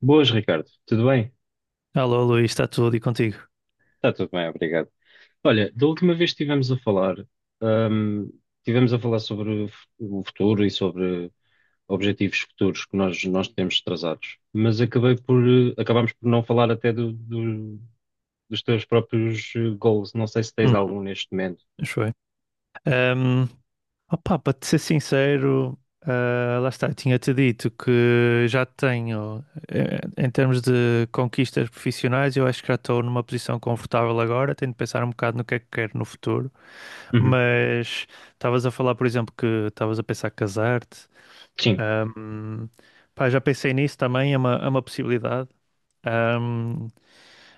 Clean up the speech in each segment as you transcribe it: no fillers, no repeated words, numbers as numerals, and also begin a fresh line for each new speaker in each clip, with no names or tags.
Boas, Ricardo. Tudo bem?
Alô, Luís, está tudo e contigo?
Está tudo bem, obrigado. Olha, da última vez que hum, estivemos a falar sobre o o futuro e sobre objetivos futuros que nós temos traçados, mas acabámos por não falar até dos teus próprios goals. Não sei se tens
Hum,
algum neste momento.
acho eu. Um, opá, para te ser sincero, lá está, tinha-te dito que já tenho, em termos de conquistas profissionais, eu acho que já estou numa posição confortável agora, tenho de pensar um bocado no que é que quero no futuro,
Uhum.
mas estavas a falar, por exemplo, que estavas a pensar casar-te.
Sim,
Um, pá, já pensei nisso também, é uma possibilidade.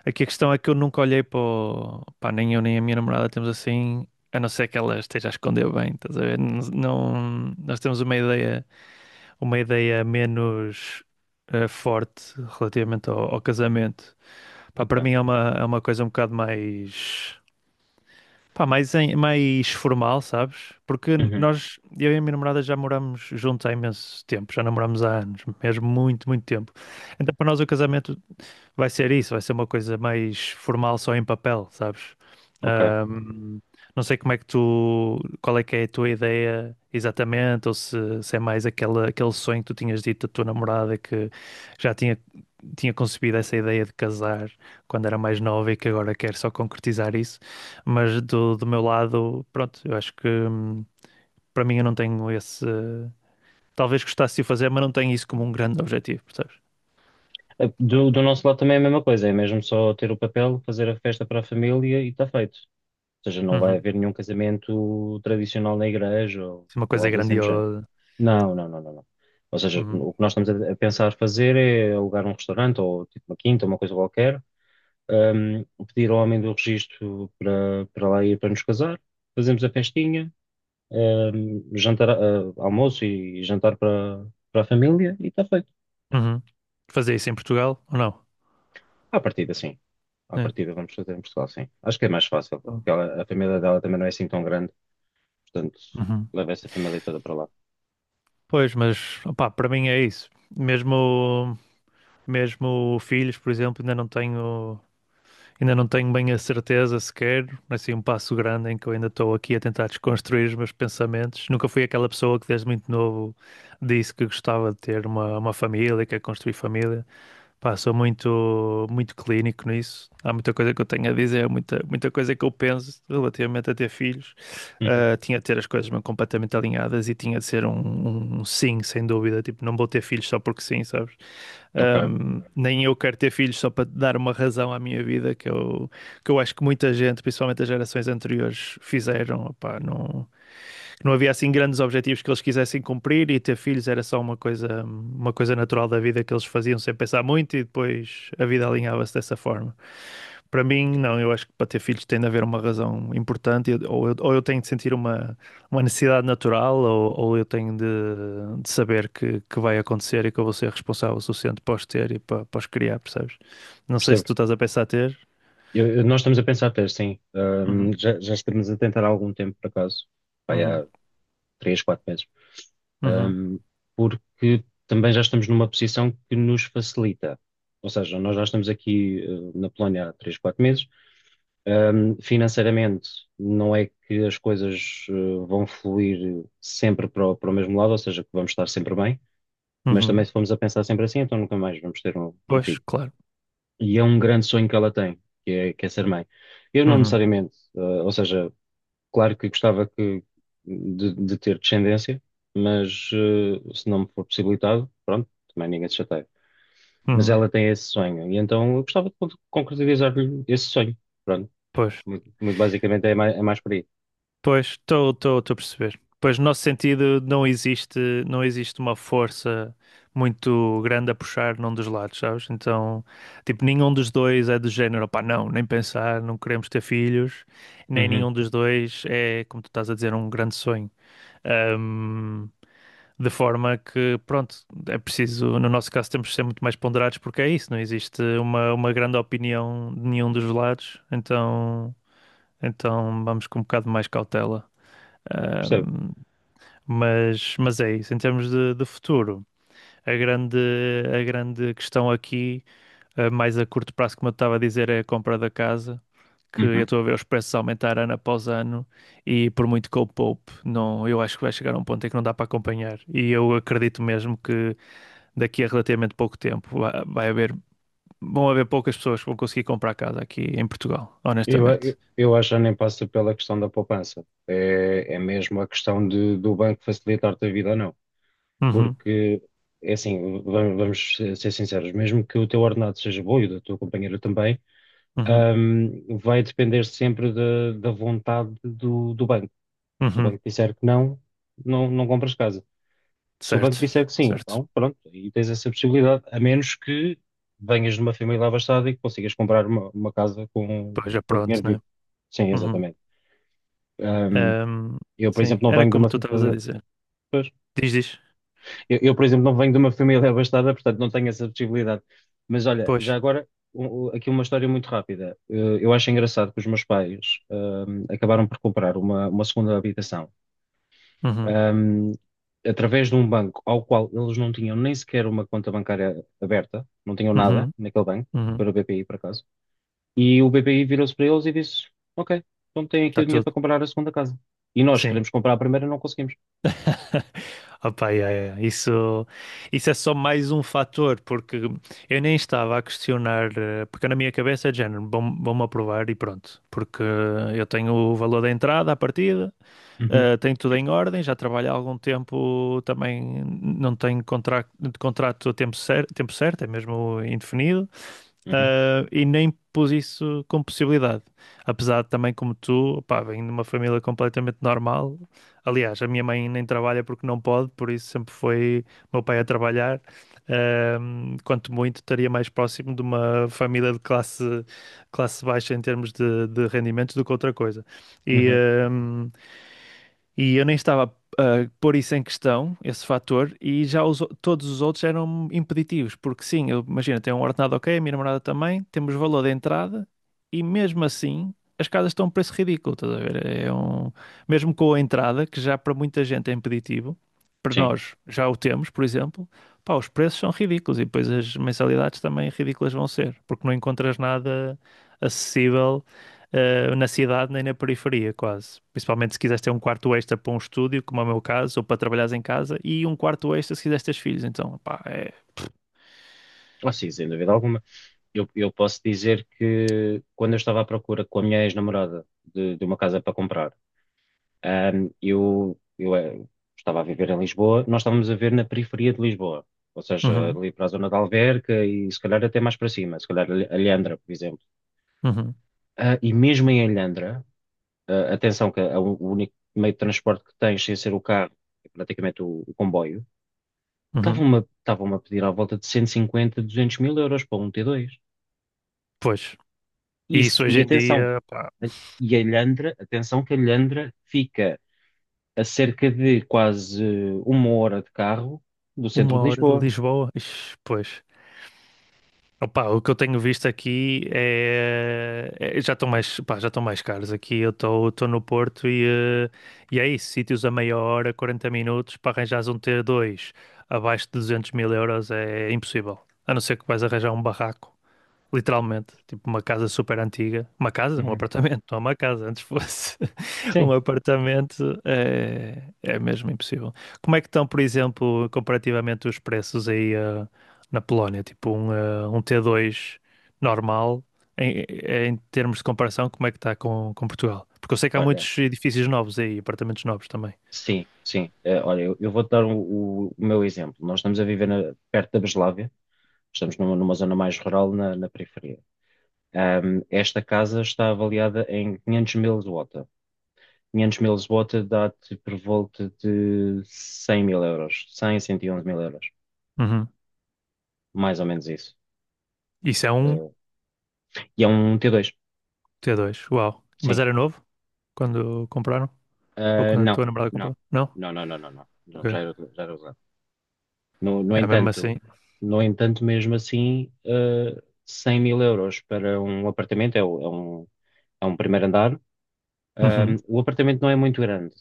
Aqui a questão é que eu nunca olhei Pá, nem eu nem a minha namorada temos assim, a não ser que ela esteja a esconder bem, estás a ver? Não, nós temos uma ideia menos forte relativamente ao casamento. Pá, para
ok.
mim é uma coisa um bocado mais, pá, mais, mais formal, sabes? Porque
Uhum.
nós, eu e a minha namorada já moramos juntos há imenso tempo, já namoramos há anos, mesmo muito, muito tempo. Então para nós o casamento vai ser isso, vai ser uma coisa mais formal só em papel, sabes?
Ok.
Ahm, não sei como é que tu, qual é que é a tua ideia exatamente, ou se é mais aquele sonho que tu tinhas dito da tua namorada que já tinha concebido essa ideia de casar quando era mais nova e que agora quer só concretizar isso. Mas do meu lado, pronto, eu acho que para mim eu não tenho esse. Talvez gostasse de o fazer, mas não tenho isso como um grande objetivo, percebes?
Do nosso lado também é a mesma coisa, é mesmo só ter o papel, fazer a festa para a família e está feito. Ou seja, não vai
Uhum.
haver nenhum casamento tradicional na igreja
Uma
ou
coisa é
algo assim do género.
grandiosa.
Não, não, não, não, não. Ou seja,
Uhum.
o que nós estamos a pensar fazer é alugar um restaurante ou tipo uma quinta, uma coisa qualquer, pedir ao homem do registro para, para lá ir para nos casar, fazemos a festinha, jantar, almoço e jantar para, para a família e está feito.
Uhum. Fazer isso em Portugal ou não?
À partida, sim. À
É.
partida vamos fazer em Portugal, sim. Acho que é mais fácil,
Então.
porque a família dela também não é assim tão grande, portanto,
Uhum.
leva essa família toda para lá.
Pois, mas opá, para mim é isso. Mesmo, mesmo filhos, por exemplo, ainda não tenho bem a certeza sequer, assim, um passo grande em que eu ainda estou aqui a tentar desconstruir os meus pensamentos. Nunca fui aquela pessoa que desde muito novo disse que gostava de ter uma família, que quer construir família. Pá, sou muito, muito clínico nisso. Há muita coisa que eu tenho a dizer, muita, muita coisa que eu penso relativamente a ter filhos.
Uhum.
Tinha de ter as coisas mesmo completamente alinhadas e tinha de ser um sim, sem dúvida. Tipo, não vou ter filhos só porque sim, sabes?
Ok,
Nem eu quero ter filhos só para dar uma razão à minha vida, que eu acho que muita gente, principalmente as gerações anteriores, fizeram. Opá, não que não havia assim grandes objetivos que eles quisessem cumprir e ter filhos era só uma coisa natural da vida que eles faziam sem pensar muito e depois a vida alinhava-se dessa forma. Para mim, não, eu acho que para ter filhos tem de haver uma razão importante ou eu tenho de sentir uma necessidade natural ou eu tenho de saber que vai acontecer e que eu vou ser responsável o suficiente para os ter e para os criar, percebes? Não sei se
percebo.
tu estás a pensar ter.
Nós estamos a pensar ter, sim.
Uhum,
Já estamos a tentar há algum tempo, por acaso. Vai
uhum,
há 3, 4 meses.
uhum,
Ahm, porque também já estamos numa posição que nos facilita. Ou seja, nós já estamos aqui, na Polónia há 3, 4 meses. Financeiramente, não é que as coisas, vão fluir sempre para o mesmo lado, ou seja, que vamos estar sempre bem. Mas também
uhum.
se formos a pensar sempre assim, então nunca mais vamos ter um
Pois,
filho.
claro.
E é um grande sonho que ela tem, que é ser mãe. Eu não
Uhum,
necessariamente, ou seja, claro que gostava de ter descendência, mas se não me for possibilitado, pronto, também ninguém se chateia. Mas
uhum.
ela tem esse sonho, e então eu gostava de concretizar-lhe esse sonho. Pronto,
Pois.
muito, muito basicamente é mais por aí.
Pois, estou a perceber. Pois, no nosso sentido, não existe uma força muito grande a puxar num dos lados, sabes? Então, tipo, nenhum dos dois é do género, pá, não, nem pensar, não queremos ter filhos, nem
Uhum,
nenhum dos dois é, como tu estás a dizer, um grande sonho. Ahm, de forma que, pronto, é preciso, no nosso caso, temos de ser muito mais ponderados porque é isso, não existe uma grande opinião de nenhum dos lados, então vamos com um bocado mais cautela.
percebo.
Ahm, mas é isso, em termos de futuro, a grande, a grande questão aqui, mais a curto prazo, como eu estava a dizer, é a compra da casa, que eu
Uhum.
estou a ver os preços aumentar ano após ano e por muito que eu poupe, não, eu acho que vai chegar a um ponto em que não dá para acompanhar. E eu acredito mesmo que daqui a relativamente pouco tempo vão haver poucas pessoas que vão conseguir comprar casa aqui em Portugal,
Eu, a-
honestamente.
eu, eu acho que já nem passa pela questão da poupança. É mesmo a questão de, do banco facilitar-te a vida ou não.
Uhum,
Porque, é assim, vamos ser sinceros, mesmo que o teu ordenado seja bom e o da tua companheira também,
uhum,
vai depender sempre da vontade do banco. Se o
uhum.
banco disser que não, não, não compras casa. Se o banco
Certo,
disser que sim,
certo.
então pronto, aí tens essa possibilidade, a menos que venhas de uma família abastada e que consigas comprar uma casa com,
Pois é,
com
pronto,
dinheiro
né?
vivo. Sim,
Uhum.
exatamente. Ahm,
Ahm,
eu, por
sim,
exemplo, não
era
venho de
como
uma
tu estavas a
fa-
dizer. Diz, diz.
Eu, por exemplo, não venho de uma família abastada, portanto não tenho essa possibilidade. Mas olha, já
Pois.
agora, aqui uma história muito rápida. Eu acho engraçado que os meus pais acabaram por comprar uma segunda habitação
Uhum,
hum, através de um banco ao qual eles não tinham nem sequer uma conta bancária aberta, não tinham nada
uhum,
naquele banco,
uhum.
para o BPI, por acaso. E o BPI virou-se para eles e disse: Ok, então têm aqui o
Está
dinheiro
tudo.
para comprar a segunda casa. E nós
Sim.
queremos comprar a primeira e não conseguimos.
Opa, yeah, yeah, yeah. Isso, isso é só mais um fator, porque eu nem estava a questionar, porque na minha cabeça é de género, vão-me aprovar e pronto, porque eu tenho o valor da entrada à partida,
Uhum,
Tem tudo em ordem, já trabalha há algum tempo, também não tem contrato a tempo, tempo certo, é mesmo indefinido,
uhum,
e nem pus isso como possibilidade. Apesar de também, como tu, pá, venho de uma família completamente normal. Aliás, a minha mãe nem trabalha porque não pode, por isso sempre foi meu pai a trabalhar. Quanto muito, estaria mais próximo de uma família de classe baixa em termos de rendimentos do que outra coisa. E,
uhum.
um, e eu nem estava a pôr isso em questão, esse fator, e já todos os outros eram impeditivos, porque sim, eu, imagina, tenho um ordenado ok, a minha namorada também, temos valor de entrada, e mesmo assim as casas estão a um preço ridículo, estás a ver? Mesmo com a entrada, que já para muita gente é impeditivo, para
Sim.
nós já o temos, por exemplo, pá, os preços são ridículos e depois as mensalidades também ridículas vão ser, porque não encontras nada acessível na cidade nem na periferia, quase. Principalmente se quiseres ter um quarto extra para um estúdio, como é o meu caso, ou para trabalhares em casa, e um quarto extra se quiseres ter filhos. Então, pá, é.
Ah, sim, sem dúvida alguma. Eu posso dizer que quando eu estava à procura com a minha ex-namorada de uma casa para comprar, eu estava a viver em Lisboa, nós estávamos a ver na periferia de Lisboa, ou seja,
Uhum,
ali para a zona de Alverca e se calhar até mais para cima, se calhar Alhandra, por exemplo.
uhum,
Ah, e mesmo em Alhandra, atenção que é o único meio de transporte que tens sem ser o carro, é praticamente o comboio,
uhum.
estavam-me a pedir à volta de 150, 200 mil euros para um T2.
Pois.
E,
E
se-
isso hoje
e
em
atenção,
dia, pá,
e a Ilhandra, atenção que a Ilhandra fica a cerca de quase uma hora de carro do centro
uma
de
hora de
Lisboa.
Lisboa, ixi, pois. Opa, o que eu tenho visto aqui já estão mais, pá, já estão mais caros aqui. Eu estou no Porto e é isso, sítios a meia hora, 40 minutos, para arranjares um T2 abaixo de 200 mil euros é impossível. A não ser que vais arranjar um barraco. Literalmente, tipo uma casa super antiga. Uma casa? Um
Uhum.
apartamento, não é uma casa, antes fosse um
Sim,
apartamento, é mesmo impossível. Como é que estão, por exemplo, comparativamente os preços aí na Polónia? Tipo um T2 normal, em termos de comparação, como é que está com Portugal? Porque eu sei que há
olha,
muitos edifícios novos aí, apartamentos novos também.
sim, sim. Olha, eu vou-te dar o meu exemplo. Nós estamos a viver perto da Breslávia, estamos numa zona mais rural na periferia. Esta casa está avaliada em 500 mil zloty. 500 mil zloty dá-te por volta de 100 mil euros, cem 111 mil euros,
Uhum.
mais ou menos isso.
Isso é um
Eh, e é um T2.
T2, uau. Mas
Sim.
era novo quando compraram? Ou
Ah,
quando a
não,
tua namorada
não,
comprou? Não?
não, não, não, não, não,
Ok.
não, já era usado. No, no
É mesmo
entanto,
assim.
no entanto, mesmo assim, 100 mil euros para um apartamento é um primeiro andar. Ah,
Uhum,
o apartamento não é muito grande,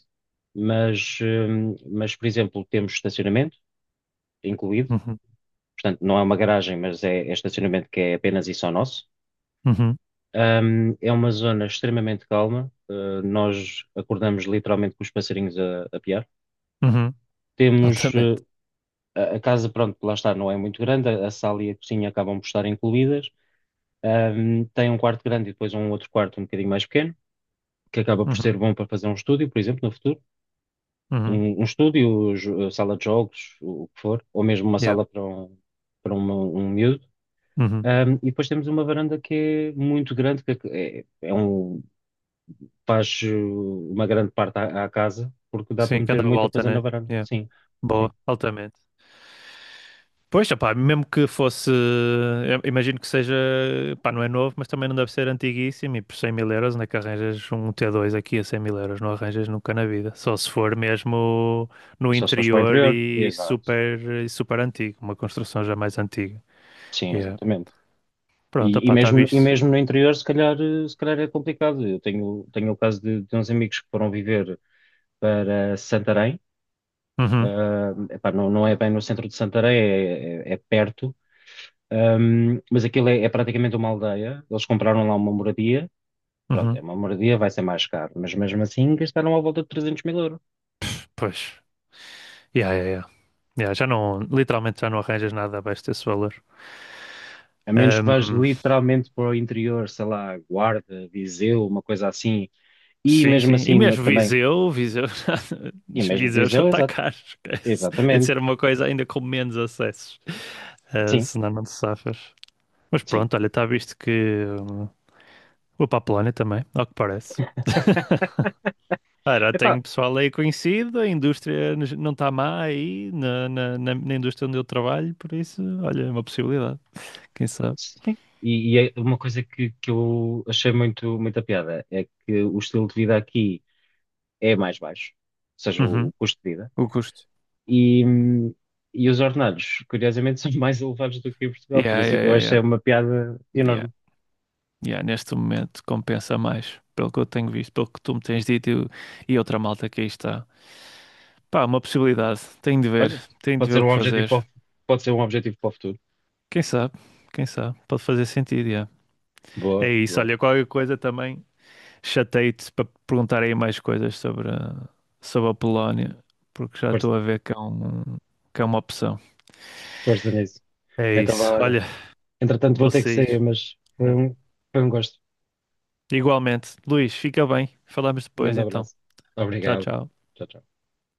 mas, por exemplo, temos estacionamento incluído,
uhum,
portanto, não é uma garagem, mas é estacionamento que é apenas e só nosso.
uhum,
É uma zona extremamente calma. Nós acordamos literalmente com os passarinhos a piar.
uhum.
Temos,
Altamente.
uh, a casa, pronto, lá está, não é muito grande, a sala e a, cozinha acabam por estar incluídas. Tem um quarto grande e depois um outro quarto um bocadinho mais pequeno, que acaba por
Uhum,
ser bom para fazer um estúdio, por exemplo, no futuro.
uhum,
Um estúdio, sala de jogos, o que for, ou mesmo uma
yeah,
sala para um miúdo.
uhum.
E depois temos uma varanda que é muito grande, que é, é é um, faz uma grande parte à casa, porque dá para
Sim,
meter
cada
muita
volta,
coisa na
né?
varanda.
Yeah.
Sim, sim.
Boa, altamente. Pois, opá, mesmo que fosse, eu imagino que seja, pá, não é novo, mas também não deve ser antiguíssimo e por 100 mil euros onde é que arranjas um T2 aqui a 100 mil euros? Não arranjas nunca na vida, só se for mesmo no
Só se faz para o
interior
interior. Exato.
e super antigo, uma construção já mais antiga.
Sim,
Yeah.
exatamente.
Pronto,
E, e
opá, está
mesmo, e
visto.
mesmo no interior, se calhar, se calhar é complicado. Eu tenho o caso de uns amigos que foram viver para Santarém.
Uhum,
Ah, epá, não é bem no centro de Santarém, é perto, Mas aquilo é praticamente uma aldeia. Eles compraram lá uma moradia. Pronto, é
uhum.
uma moradia, vai ser mais caro, mas mesmo assim gastaram à volta de 300 mil euros.
Pois. Yeah, yeah, yeah. Yeah, já não, literalmente já não arranjas nada abaixo desse valor.
A menos que vás
Ahm,
literalmente para o interior, sei lá, Guarda, Viseu, uma coisa assim, e
sim,
mesmo
sim. E
assim
mesmo
também,
Viseu, Viseu já,
e mesmo
Viseu já
Viseu,
está
exato,
caro, esquece. Tem de
exatamente,
ser uma coisa ainda com menos acessos.
sim.
Senão não te safas. Mas
Sim,
pronto, olha, está visto que vou para a Polónia também, ao que parece. Já
epá,
tenho pessoal aí conhecido, a indústria não está má aí, na indústria onde eu trabalho, por isso, olha, é uma possibilidade, quem sabe.
sim. E é uma coisa que eu achei muito, muita piada é que o estilo de vida aqui é mais baixo, ou seja, o,
Uhum.
o custo de vida,
O custo.
e, hum, e os ordenados, curiosamente, são mais elevados do que em Portugal, por
Yeah,
isso eu
yeah, yeah, yeah.
achei uma piada
Yeah,
enorme.
yeah, neste momento compensa mais, pelo que eu tenho visto, pelo que tu me tens dito e outra malta que aí está. Pá, uma possibilidade. Tenho de ver,
Olha,
tenho de
pode
ver
ser
o
um
que
objetivo
fazer.
para o, fu- pode ser um objetivo para o futuro.
Quem sabe, quem sabe, pode fazer sentido, yeah. É
Boa,
isso,
boa.
olha, qualquer coisa também chatei-te para perguntar aí mais coisas sobre a Polónia, porque já
Força,
estou a ver que é uma opção.
força nisso.
É
Então, vá,
isso,
olha.
olha,
Entretanto, vou
vou
ter que
sair.
sair, mas foi
É.
um, foi um gosto.
Igualmente. Luís, fica bem. Falamos
Um
depois
grande
então.
abraço.
Tchau,
Obrigado.
tchau.
Tchau, tchau.